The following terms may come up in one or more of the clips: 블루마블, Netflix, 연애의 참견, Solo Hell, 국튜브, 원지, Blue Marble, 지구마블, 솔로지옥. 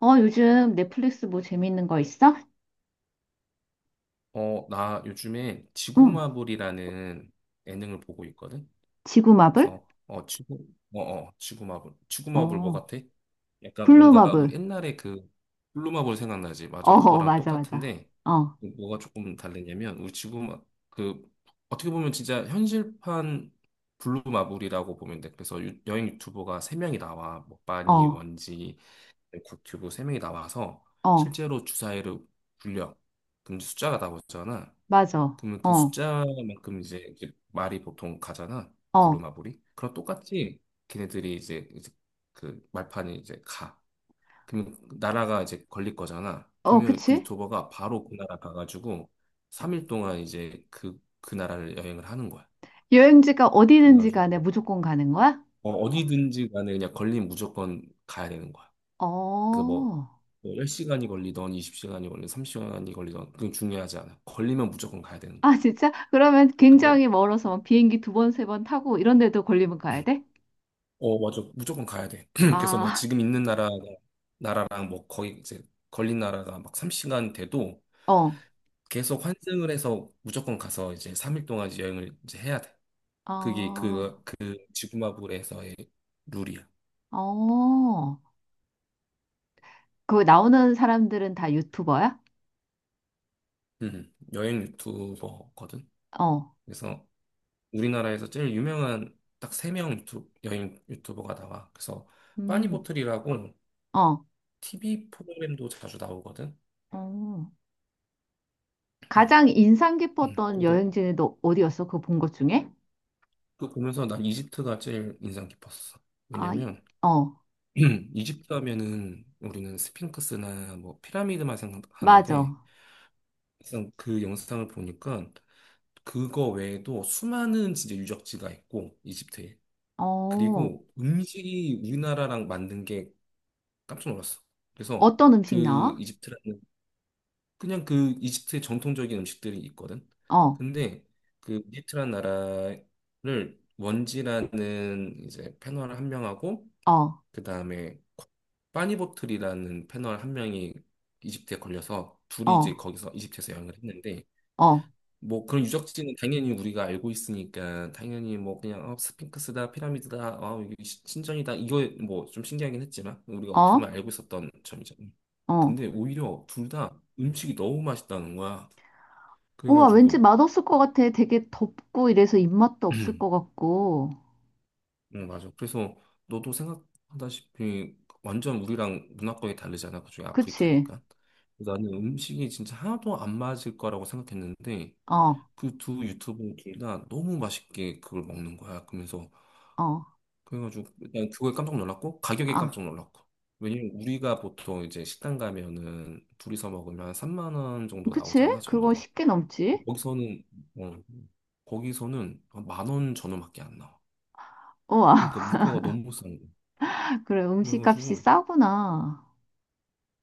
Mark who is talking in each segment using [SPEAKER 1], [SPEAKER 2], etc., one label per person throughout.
[SPEAKER 1] 어, 요즘 넷플릭스 뭐 재밌는 거 있어?
[SPEAKER 2] 나 요즘에
[SPEAKER 1] 응.
[SPEAKER 2] 지구마블이라는 예능을 보고 있거든.
[SPEAKER 1] 지구 마블?
[SPEAKER 2] 그래서 지구마블. 지구마블 뭐
[SPEAKER 1] 어.
[SPEAKER 2] 같아? 약간
[SPEAKER 1] 블루
[SPEAKER 2] 뭔가 우리
[SPEAKER 1] 마블.
[SPEAKER 2] 옛날에 그 블루마블 생각나지?
[SPEAKER 1] 어,
[SPEAKER 2] 맞아.
[SPEAKER 1] 어,
[SPEAKER 2] 그거랑
[SPEAKER 1] 맞아, 맞아.
[SPEAKER 2] 똑같은데
[SPEAKER 1] 어,
[SPEAKER 2] 뭐가 조금 다르냐면 우리 지구마 그 어떻게 보면 진짜 현실판 블루마블이라고 보면 돼. 그래서 여행 유튜버가 세명이 나와. 뭐 빠니,
[SPEAKER 1] 어,
[SPEAKER 2] 원지, 국튜브 세명이 나와서
[SPEAKER 1] 어,
[SPEAKER 2] 실제로 주사위를 굴려. 그럼 숫자가 나오잖아.
[SPEAKER 1] 맞아.
[SPEAKER 2] 그러면 그
[SPEAKER 1] 어,
[SPEAKER 2] 숫자만큼 이제 말이 보통 가잖아.
[SPEAKER 1] 어,
[SPEAKER 2] 부루마블이. 그럼 똑같이 걔네들이 이제 그 말판이 이제 가. 그러면 나라가 이제 걸릴 거잖아.
[SPEAKER 1] 어,
[SPEAKER 2] 그러면 그
[SPEAKER 1] 그치?
[SPEAKER 2] 유튜버가 바로 그 나라 가가지고 3일 동안 이제 그 나라를 여행을 하는 거야.
[SPEAKER 1] 여행지가 어디든지
[SPEAKER 2] 그래가지고
[SPEAKER 1] 간에 무조건 가는 거야?
[SPEAKER 2] 어디든지 간에 그냥 걸리면 무조건 가야 되는 거야. 그뭐
[SPEAKER 1] 어.
[SPEAKER 2] 10시간이 걸리던 20시간이 걸리던 30시간이 걸리던 그건 중요하지 않아. 걸리면 무조건 가야 되는
[SPEAKER 1] 아,
[SPEAKER 2] 거야.
[SPEAKER 1] 진짜? 그러면 굉장히 멀어서 막 비행기 두 번, 세 번 타고 이런 데도 걸리면 가야 돼?
[SPEAKER 2] 어, 맞아. 무조건 가야 돼. 그래서 막
[SPEAKER 1] 아,
[SPEAKER 2] 지금 있는 나라랑 뭐 거의 이제 걸린 나라가 막 3시간 돼도
[SPEAKER 1] 어,
[SPEAKER 2] 계속 환승을 해서 무조건 가서 이제 3일 동안 이제 여행을 이제 해야 돼. 그게
[SPEAKER 1] 어,
[SPEAKER 2] 그 지구마블에서의 룰이야.
[SPEAKER 1] 어. 그 나오는 사람들은 다 유튜버야?
[SPEAKER 2] 여행 유튜버거든.
[SPEAKER 1] 어,
[SPEAKER 2] 그래서 우리나라에서 제일 유명한 딱 세 명 여행 유튜버가 나와. 그래서
[SPEAKER 1] 음,
[SPEAKER 2] 빠니보틀이라고
[SPEAKER 1] 어.
[SPEAKER 2] TV 프로그램도 자주 나오거든.
[SPEAKER 1] 어.
[SPEAKER 2] 음,
[SPEAKER 1] 가장 인상 깊었던
[SPEAKER 2] 그래서
[SPEAKER 1] 여행지는 너 어디였어? 그거 본 것 중에?
[SPEAKER 2] 그 보면서 난 이집트가 제일 인상 깊었어.
[SPEAKER 1] 아,
[SPEAKER 2] 왜냐면
[SPEAKER 1] 어,
[SPEAKER 2] 이집트 하면은 우리는 스핑크스나 뭐 피라미드만 생각하는데
[SPEAKER 1] 맞아.
[SPEAKER 2] 막상 그 영상을 보니까 그거 외에도 수많은 진짜 유적지가 있고 이집트에
[SPEAKER 1] 어,
[SPEAKER 2] 그리고 음식이 우리나라랑 만든 게 깜짝 놀랐어. 그래서
[SPEAKER 1] 어떤
[SPEAKER 2] 그
[SPEAKER 1] 음식 나와?
[SPEAKER 2] 이집트라는 그냥 그 이집트의 전통적인 음식들이 있거든.
[SPEAKER 1] 어,
[SPEAKER 2] 근데 그 이집트란 나라를 원지라는 이제 패널 한 명하고
[SPEAKER 1] 어,
[SPEAKER 2] 그 다음에 빠니보틀이라는 패널 한 명이 이집트에 걸려서 둘이 이제
[SPEAKER 1] 어,
[SPEAKER 2] 거기서 이집트에서 여행을 했는데
[SPEAKER 1] 어,
[SPEAKER 2] 뭐 그런 유적지는 당연히 우리가 알고 있으니까 당연히 뭐 그냥 스핑크스다 피라미드다 아 이게 신전이다 이거 뭐 좀 신기하긴 했지만 우리가 어떻게
[SPEAKER 1] 어,
[SPEAKER 2] 보면 알고 있었던 점이잖아.
[SPEAKER 1] 어.
[SPEAKER 2] 근데 오히려 둘 다 음식이 너무 맛있다는 거야.
[SPEAKER 1] 우와, 왠지
[SPEAKER 2] 그래가지고
[SPEAKER 1] 맛없을 것 같아. 되게 덥고 이래서 입맛도 없을 것 같고.
[SPEAKER 2] 응 맞아. 그래서 너도 생각하다시피 완전 우리랑 문화권이 다르잖아. 그중에
[SPEAKER 1] 그치?
[SPEAKER 2] 아프리카니까. 나는 음식이 진짜 하나도 안 맞을 거라고 생각했는데
[SPEAKER 1] 어,
[SPEAKER 2] 그 두 유튜브 둘 다 너무 맛있게 그걸 먹는 거야. 그러면서
[SPEAKER 1] 어,
[SPEAKER 2] 그래가지고 일단 그거에 깜짝 놀랐고 가격에
[SPEAKER 1] 아,
[SPEAKER 2] 깜짝 놀랐고 왜냐면 우리가 보통 이제 식당 가면은 둘이서 먹으면 한 3만 원 정도
[SPEAKER 1] 그치?
[SPEAKER 2] 나오잖아
[SPEAKER 1] 그거
[SPEAKER 2] 전으로
[SPEAKER 1] 쉽게 넘지?
[SPEAKER 2] 거기서는 어, 거기서는 만원 전후밖에 안 나와.
[SPEAKER 1] 우와,
[SPEAKER 2] 그러니까 물가가 너무 싼 거야.
[SPEAKER 1] 그래, 음식값이
[SPEAKER 2] 그래가지고
[SPEAKER 1] 싸구나.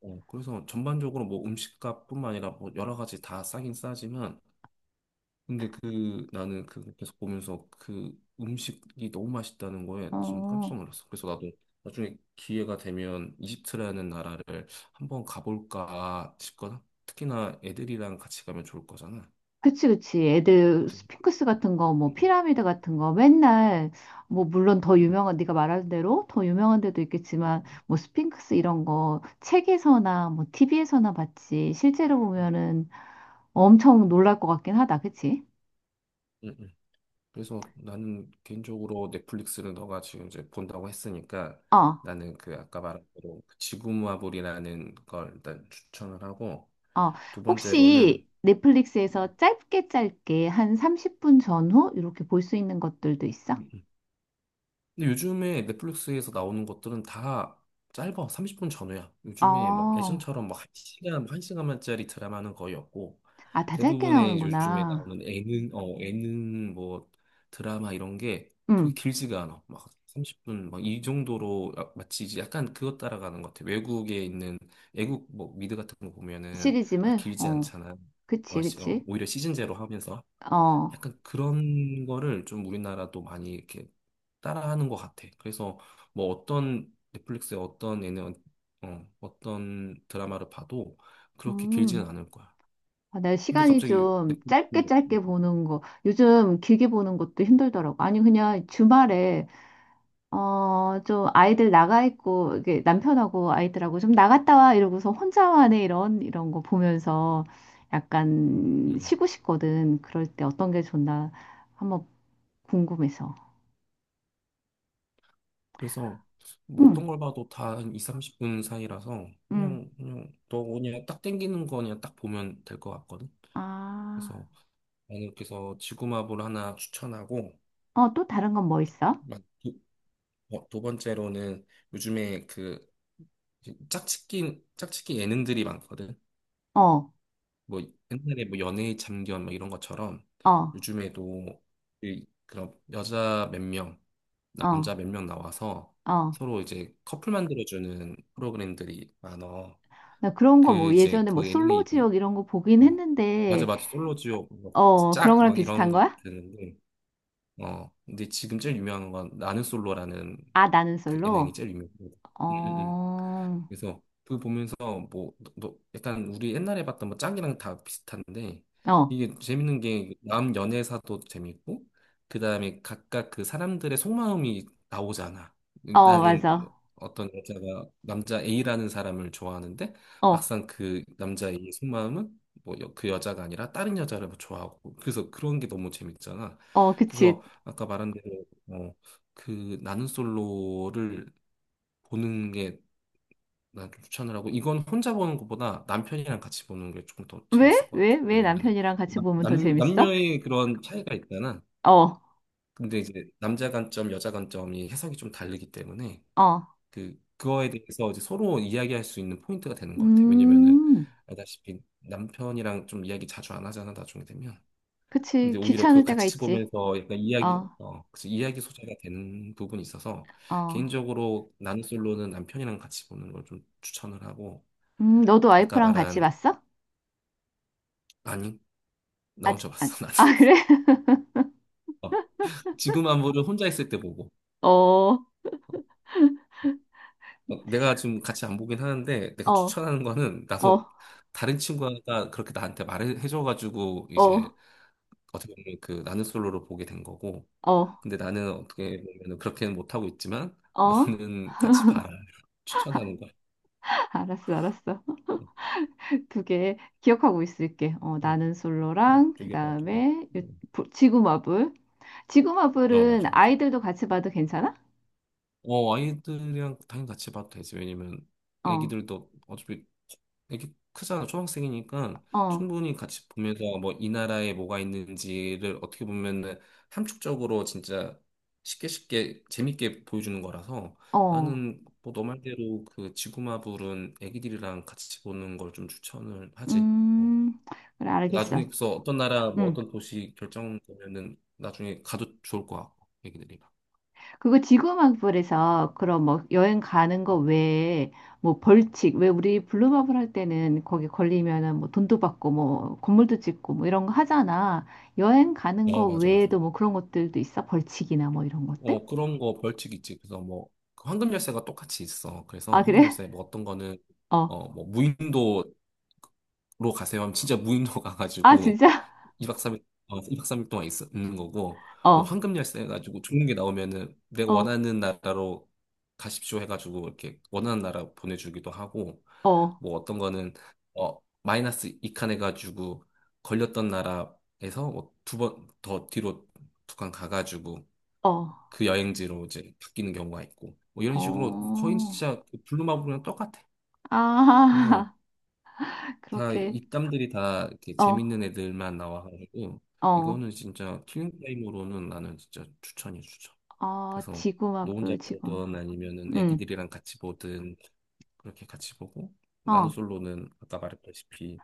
[SPEAKER 2] 그래서 전반적으로 뭐 음식값뿐만 아니라 뭐 여러 가지 다 싸긴 싸지만 근데 그 나는 그 계속 보면서 그 음식이 너무 맛있다는 거에 좀 깜짝
[SPEAKER 1] 어.
[SPEAKER 2] 놀랐어. 그래서 나도 나중에 기회가 되면 이집트라는 나라를 한번 가볼까 싶거나 특히나 애들이랑 같이 가면 좋을 거잖아.
[SPEAKER 1] 그치, 그치. 애들
[SPEAKER 2] 아무튼
[SPEAKER 1] 스핑크스 같은 거,
[SPEAKER 2] 음,
[SPEAKER 1] 뭐 피라미드 같은 거 맨날 뭐 물론 더
[SPEAKER 2] 음,
[SPEAKER 1] 유명한 네가 말한 대로 더 유명한 데도 있겠지만 뭐 스핑크스 이런 거 책에서나 뭐 티비에서나 봤지 실제로
[SPEAKER 2] 음,
[SPEAKER 1] 보면은 엄청 놀랄 것 같긴 하다. 그치?
[SPEAKER 2] 음, 음. 그래서 나는 개인적으로 넷플릭스를 너가 지금 이제 본다고 했으니까
[SPEAKER 1] 어,
[SPEAKER 2] 나는 그 아까 말한 대로 그 지구마블이라는 걸 일단 추천을 하고
[SPEAKER 1] 어.
[SPEAKER 2] 두
[SPEAKER 1] 혹시
[SPEAKER 2] 번째로는
[SPEAKER 1] 넷플릭스에서 짧게 짧게 한 30분 전후 이렇게 볼 수 있는 것들도 있어?
[SPEAKER 2] 근데 요즘에 넷플릭스에서 나오는 것들은 다 짧아. 30분 전후야. 요즘에 막
[SPEAKER 1] 어.
[SPEAKER 2] 예전처럼 막 한 시간만짜리 드라마는 거의 없고
[SPEAKER 1] 아, 다 짧게
[SPEAKER 2] 대부분의 요즘에
[SPEAKER 1] 나오는구나.
[SPEAKER 2] 나오는 예능 뭐 드라마 이런 게
[SPEAKER 1] 응.
[SPEAKER 2] 그렇게 길지가 않아. 막 30분 막 이 정도로 마치 이제 약간 그것 따라가는 것 같아. 외국에 있는 외국 뭐 미드 같은 거 보면은 막
[SPEAKER 1] 시리즈물?
[SPEAKER 2] 길지
[SPEAKER 1] 어.
[SPEAKER 2] 않잖아.
[SPEAKER 1] 그치, 그치.
[SPEAKER 2] 오히려 시즌제로 하면서
[SPEAKER 1] 어.
[SPEAKER 2] 약간 그런 거를 좀 우리나라도 많이 이렇게 따라하는 것 같아. 그래서 뭐 어떤 넷플릭스의 어떤 얘는 어떤 드라마를 봐도 그렇게 길지는
[SPEAKER 1] 음,
[SPEAKER 2] 않을 거야.
[SPEAKER 1] 아, 내
[SPEAKER 2] 근데
[SPEAKER 1] 시간이
[SPEAKER 2] 갑자기
[SPEAKER 1] 좀
[SPEAKER 2] 넷플릭스
[SPEAKER 1] 짧게 짧게 보는 거, 요즘 길게 보는 것도 힘들더라고. 아니, 그냥 주말에, 어, 좀 아이들 나가 있고, 이게 남편하고 아이들하고 좀 나갔다 와 이러고서 혼자만의 이런, 이런 거 보면서
[SPEAKER 2] 음.
[SPEAKER 1] 약간
[SPEAKER 2] 음.
[SPEAKER 1] 쉬고 싶거든. 그럴 때 어떤 게 좋나 한번 궁금해서.
[SPEAKER 2] 그래서 뭐
[SPEAKER 1] 응,
[SPEAKER 2] 어떤 걸 봐도 다 한 2, 30분 사이라서
[SPEAKER 1] 응.
[SPEAKER 2] 그냥 너 그냥 딱 땡기는 거 그냥 딱 보면 될 것 같거든.
[SPEAKER 1] 아,
[SPEAKER 2] 그래서 나는 그래서 지구마블 하나 추천하고
[SPEAKER 1] 어, 또 다른 건 뭐 있어?
[SPEAKER 2] 마- 두, 두 번째로는 요즘에 그 짝짓기 예능들이 많거든.
[SPEAKER 1] 어,
[SPEAKER 2] 뭐 옛날에 뭐 연애의 참견 뭐 이런 것처럼
[SPEAKER 1] 어,
[SPEAKER 2] 요즘에도 그런 여자 몇 명,
[SPEAKER 1] 어,
[SPEAKER 2] 남자 몇 명 나와서
[SPEAKER 1] 어.
[SPEAKER 2] 서로 이제 커플 만들어주는 프로그램들이 많어.
[SPEAKER 1] 나 그런
[SPEAKER 2] 그
[SPEAKER 1] 거 뭐
[SPEAKER 2] 이제
[SPEAKER 1] 예전에
[SPEAKER 2] 그
[SPEAKER 1] 뭐
[SPEAKER 2] 예능의
[SPEAKER 1] 솔로
[SPEAKER 2] 이름이
[SPEAKER 1] 지옥 이런 거 보긴
[SPEAKER 2] 어 맞아
[SPEAKER 1] 했는데,
[SPEAKER 2] 맞아 솔로지옥
[SPEAKER 1] 어, 그런
[SPEAKER 2] 짝
[SPEAKER 1] 거랑
[SPEAKER 2] 막 이런
[SPEAKER 1] 비슷한 거야?
[SPEAKER 2] 것들인데 근데 지금 제일 유명한 건 나는 솔로라는
[SPEAKER 1] 아, 나는
[SPEAKER 2] 그 예능이
[SPEAKER 1] 솔로?
[SPEAKER 2] 제일 유명해. 음,
[SPEAKER 1] 어,
[SPEAKER 2] 음. 그래서 그걸 보면서 뭐 약간 우리 옛날에 봤던 뭐 짱이랑 다 비슷한데
[SPEAKER 1] 어,
[SPEAKER 2] 이게 재밌는 게 그 남 연애사도 재밌고 그다음에 각각 그 사람들의 속마음이 나오잖아.
[SPEAKER 1] 어,
[SPEAKER 2] 나는
[SPEAKER 1] 맞아.
[SPEAKER 2] 어떤 여자가 남자 A라는 사람을 좋아하는데
[SPEAKER 1] 어,
[SPEAKER 2] 막상 그 남자 A의 속마음은 뭐 그 여자가 아니라 다른 여자를 뭐 좋아하고 그래서 그런 게 너무 재밌잖아.
[SPEAKER 1] 어, 그치.
[SPEAKER 2] 그래서 아까 말한 대로 그 나는 솔로를 보는 게 난 좀 추천을 하고 이건 혼자 보는 것보다 남편이랑 같이 보는 게 조금 더 재밌을
[SPEAKER 1] 왜?
[SPEAKER 2] 것
[SPEAKER 1] 왜?
[SPEAKER 2] 같아.
[SPEAKER 1] 왜
[SPEAKER 2] 왜냐면은
[SPEAKER 1] 남편이랑 같이 보면 더 재밌어?
[SPEAKER 2] 남녀의 그런 차이가 있잖아.
[SPEAKER 1] 어,
[SPEAKER 2] 근데 이제 남자 관점, 여자 관점이 해석이 좀 다르기 때문에
[SPEAKER 1] 어,
[SPEAKER 2] 그거에 대해서 이제 서로 이야기할 수 있는 포인트가 되는 것 같아. 왜냐면은
[SPEAKER 1] 음,
[SPEAKER 2] 알다시피 남편이랑 좀 이야기 자주 안 하잖아 나중에 되면.
[SPEAKER 1] 그치.
[SPEAKER 2] 근데 오히려 그
[SPEAKER 1] 귀찮을 때가
[SPEAKER 2] 같이
[SPEAKER 1] 있지.
[SPEAKER 2] 보면서 약간 이야기,
[SPEAKER 1] 어,
[SPEAKER 2] 어, 그치, 이야기 소재가 되는 부분이 있어서
[SPEAKER 1] 어,
[SPEAKER 2] 개인적으로 나는 솔로는 남편이랑 같이 보는 걸 좀 추천을 하고
[SPEAKER 1] 너도
[SPEAKER 2] 아까
[SPEAKER 1] 와이프랑 같이
[SPEAKER 2] 말한
[SPEAKER 1] 봤어?
[SPEAKER 2] 나니? 나
[SPEAKER 1] 아직,
[SPEAKER 2] 혼자
[SPEAKER 1] 아,
[SPEAKER 2] 봤어, 나
[SPEAKER 1] 아, 그래?
[SPEAKER 2] 어, 지금 안보를 혼자 있을 때 보고.
[SPEAKER 1] 어, 어,
[SPEAKER 2] 내가 지금 같이 안 보긴 하는데, 내가 추천하는 거는,
[SPEAKER 1] 어,
[SPEAKER 2] 나도 다른 친구가 그렇게 나한테 말해줘가지고,
[SPEAKER 1] 어,
[SPEAKER 2] 이제, 어떻게 보면 그 나는 솔로로 보게 된 거고,
[SPEAKER 1] 어,
[SPEAKER 2] 근데 나는 어떻게 보면 그렇게는 못하고 있지만,
[SPEAKER 1] 어,
[SPEAKER 2] 너는 같이 봐라. 추천하는 거야.
[SPEAKER 1] 알았어, 알았어. 그게 기억하고 있을게. 어,
[SPEAKER 2] 어,
[SPEAKER 1] 나는 솔로랑
[SPEAKER 2] 두개 봐, 두 개.
[SPEAKER 1] 그다음에
[SPEAKER 2] 음,
[SPEAKER 1] 지구마블.
[SPEAKER 2] 어,
[SPEAKER 1] 지구마블은
[SPEAKER 2] 맞아, 맞아.
[SPEAKER 1] 아이들도 같이 봐도 괜찮아?
[SPEAKER 2] 아이들이랑 당연히 같이 봐도 되지. 왜냐면
[SPEAKER 1] 어.
[SPEAKER 2] 애기들도 어차피 애기 크잖아. 초등학생이니까
[SPEAKER 1] 어.
[SPEAKER 2] 충분히 같이 보면서 뭐 이 나라에 뭐가 있는지를 어떻게 보면은 함축적으로 진짜 쉽게 쉽게 재밌게 보여주는 거라서
[SPEAKER 1] 어.
[SPEAKER 2] 나는 뭐 너 말대로 그 지구마블은 애기들이랑 같이 보는 걸 좀 추천을 하지. 어.
[SPEAKER 1] 음. 그래 알겠어.
[SPEAKER 2] 나중에 그래서 어떤 나라 뭐
[SPEAKER 1] 음.
[SPEAKER 2] 어떤 도시 결정되면은 나중에 가도 좋을 것 같고 애기들이랑.
[SPEAKER 1] 그거 지구마블에서 그럼 뭐 여행 가는 거 외에 뭐 벌칙 왜 우리 블루마블 할 때는 거기 걸리면은 뭐 돈도 받고 뭐 건물도 짓고 뭐 이런 거 하잖아. 여행 가는
[SPEAKER 2] 어,
[SPEAKER 1] 거
[SPEAKER 2] 맞아, 맞아.
[SPEAKER 1] 외에도 뭐 그런 것들도 있어? 벌칙이나 뭐 이런 것들?
[SPEAKER 2] 그런 거 벌칙 있지. 그래서 뭐, 그 황금 열쇠가 똑같이 있어. 그래서
[SPEAKER 1] 아,
[SPEAKER 2] 황금
[SPEAKER 1] 그래?
[SPEAKER 2] 열쇠, 뭐 어떤 거는,
[SPEAKER 1] 어.
[SPEAKER 2] 무인도로 가세요 하면 진짜 무인도
[SPEAKER 1] 아,
[SPEAKER 2] 가가지고
[SPEAKER 1] 진짜?
[SPEAKER 2] 2박 3일, 이 박 삼일 동안 있는 거고, 뭐
[SPEAKER 1] 어,
[SPEAKER 2] 황금 열쇠 해가지고 좋은 게 나오면은 내가
[SPEAKER 1] 어,
[SPEAKER 2] 원하는 나라로 가십시오 해가지고 이렇게 원하는 나라 보내주기도 하고,
[SPEAKER 1] 어,
[SPEAKER 2] 뭐 어떤 거는, 마이너스 2칸 해가지고 걸렸던 나라에서 뭐 두 번 더 뒤로 두 칸 가가지고
[SPEAKER 1] 어,
[SPEAKER 2] 그 여행지로 이제 바뀌는 경우가 있고 뭐 이런
[SPEAKER 1] 어.
[SPEAKER 2] 식으로 거의 진짜 그 블루마블이랑 똑같아. 그래서
[SPEAKER 1] 아,
[SPEAKER 2] 다
[SPEAKER 1] 그렇게,
[SPEAKER 2] 입담들이 다 이렇게
[SPEAKER 1] 어,
[SPEAKER 2] 재밌는 애들만 나와가지고
[SPEAKER 1] 어,
[SPEAKER 2] 이거는 진짜 킬링 타임으로는 나는 진짜 추천이야 추천.
[SPEAKER 1] 어,
[SPEAKER 2] 그래서 너 혼자
[SPEAKER 1] 지구마블, 지구마블.
[SPEAKER 2] 보든 아니면은
[SPEAKER 1] 응,
[SPEAKER 2] 애기들이랑 같이 보든 그렇게 같이 보고 나는
[SPEAKER 1] 어,
[SPEAKER 2] 솔로는 아까 말했다시피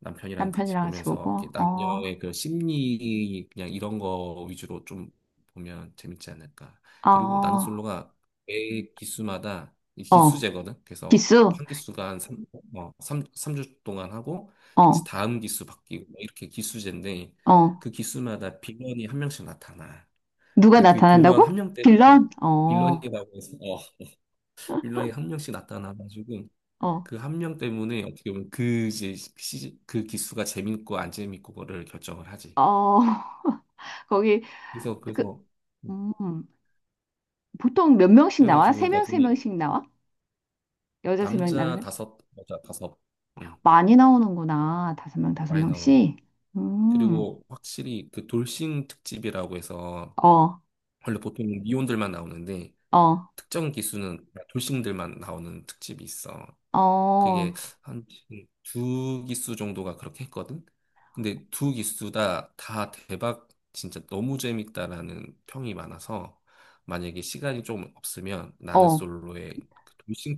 [SPEAKER 2] 남편이랑 같이
[SPEAKER 1] 남편이랑 같이
[SPEAKER 2] 보면서 이렇게
[SPEAKER 1] 보고, 어,
[SPEAKER 2] 남녀의 그 심리 그냥 이런 거 위주로 좀 보면 재밌지 않을까. 그리고 나는
[SPEAKER 1] 어,
[SPEAKER 2] 솔로가 매 기수마다 이
[SPEAKER 1] 어,
[SPEAKER 2] 기수제거든. 그래서
[SPEAKER 1] 기수,
[SPEAKER 2] 한 기수가 한 3, 삼삼주 동안 하고 이제
[SPEAKER 1] 어,
[SPEAKER 2] 다음 기수 바뀌고 뭐 이렇게 기수제인데
[SPEAKER 1] 어,
[SPEAKER 2] 그 기수마다 빌런이 한 명씩 나타나.
[SPEAKER 1] 누가
[SPEAKER 2] 근데 그 빌런
[SPEAKER 1] 나타난다고?
[SPEAKER 2] 한 명 때문에
[SPEAKER 1] 빌런? 어,
[SPEAKER 2] 빌런이라고 해서 빌런이 한 명씩 나타나가지고
[SPEAKER 1] 어,
[SPEAKER 2] 그 한 명 때문에 어떻게 보면 그 이제 시그 기수가 재밌고 안 재밌고 거를 결정을 하지.
[SPEAKER 1] 어, 거기,
[SPEAKER 2] 그래서
[SPEAKER 1] 그,
[SPEAKER 2] 음,
[SPEAKER 1] 음, 보통 몇 명씩 나와?
[SPEAKER 2] 그래가지고
[SPEAKER 1] 세 명, 세
[SPEAKER 2] 나중에
[SPEAKER 1] 명씩 나와? 여자 세 명,
[SPEAKER 2] 남자
[SPEAKER 1] 남자? 세 명?
[SPEAKER 2] 다섯 여자 다섯 음,
[SPEAKER 1] 많이 나오는구나. 다섯 명, 다섯
[SPEAKER 2] 많이 나오고
[SPEAKER 1] 명씩. 음.
[SPEAKER 2] 그리고 확실히 그 돌싱 특집이라고 해서
[SPEAKER 1] 어,
[SPEAKER 2] 원래 보통 미혼들만 나오는데
[SPEAKER 1] 어,
[SPEAKER 2] 특정 기수는 돌싱들만 나오는 특집이 있어. 그게
[SPEAKER 1] 어,
[SPEAKER 2] 한 두 기수 정도가 그렇게 했거든. 근데 두 기수 다 대박 진짜 너무 재밌다라는 평이 많아서 만약에 시간이 좀 없으면 나는
[SPEAKER 1] 어.
[SPEAKER 2] 솔로의 그 돌싱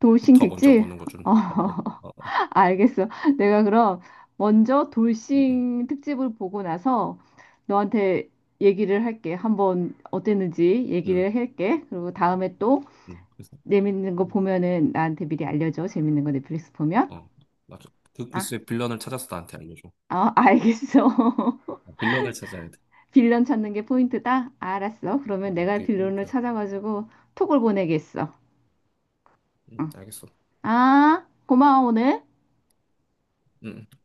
[SPEAKER 1] 돌싱
[SPEAKER 2] 먼저
[SPEAKER 1] 특집?
[SPEAKER 2] 보는 거 좀
[SPEAKER 1] 어,
[SPEAKER 2] 추천을 해. 어, 어,
[SPEAKER 1] 알겠어. 내가 그럼 먼저
[SPEAKER 2] 응, 응,
[SPEAKER 1] 돌싱 특집을 보고 나서 너한테 얘기를 할게. 한번 어땠는지
[SPEAKER 2] 응,
[SPEAKER 1] 얘기를 할게. 그리고 다음에 또
[SPEAKER 2] 응. 그래서
[SPEAKER 1] 재밌는 거
[SPEAKER 2] 응.
[SPEAKER 1] 보면은 나한테 미리 알려줘. 재밌는 거 넷플릭스 보면.
[SPEAKER 2] 어, 맞아. 그
[SPEAKER 1] 아,
[SPEAKER 2] 기수의 빌런을 찾아서 나한테 알려줘.
[SPEAKER 1] 어, 알겠어.
[SPEAKER 2] 빌런을 찾아야 돼.
[SPEAKER 1] 빌런 찾는 게 포인트다? 알았어. 그러면 내가
[SPEAKER 2] 그게
[SPEAKER 1] 빌런을
[SPEAKER 2] 꿀팁이야.
[SPEAKER 1] 찾아가지고 톡을 보내겠어.
[SPEAKER 2] 응,
[SPEAKER 1] 응.
[SPEAKER 2] 알겠어.
[SPEAKER 1] 아, 고마워, 오늘.
[SPEAKER 2] 응. 응.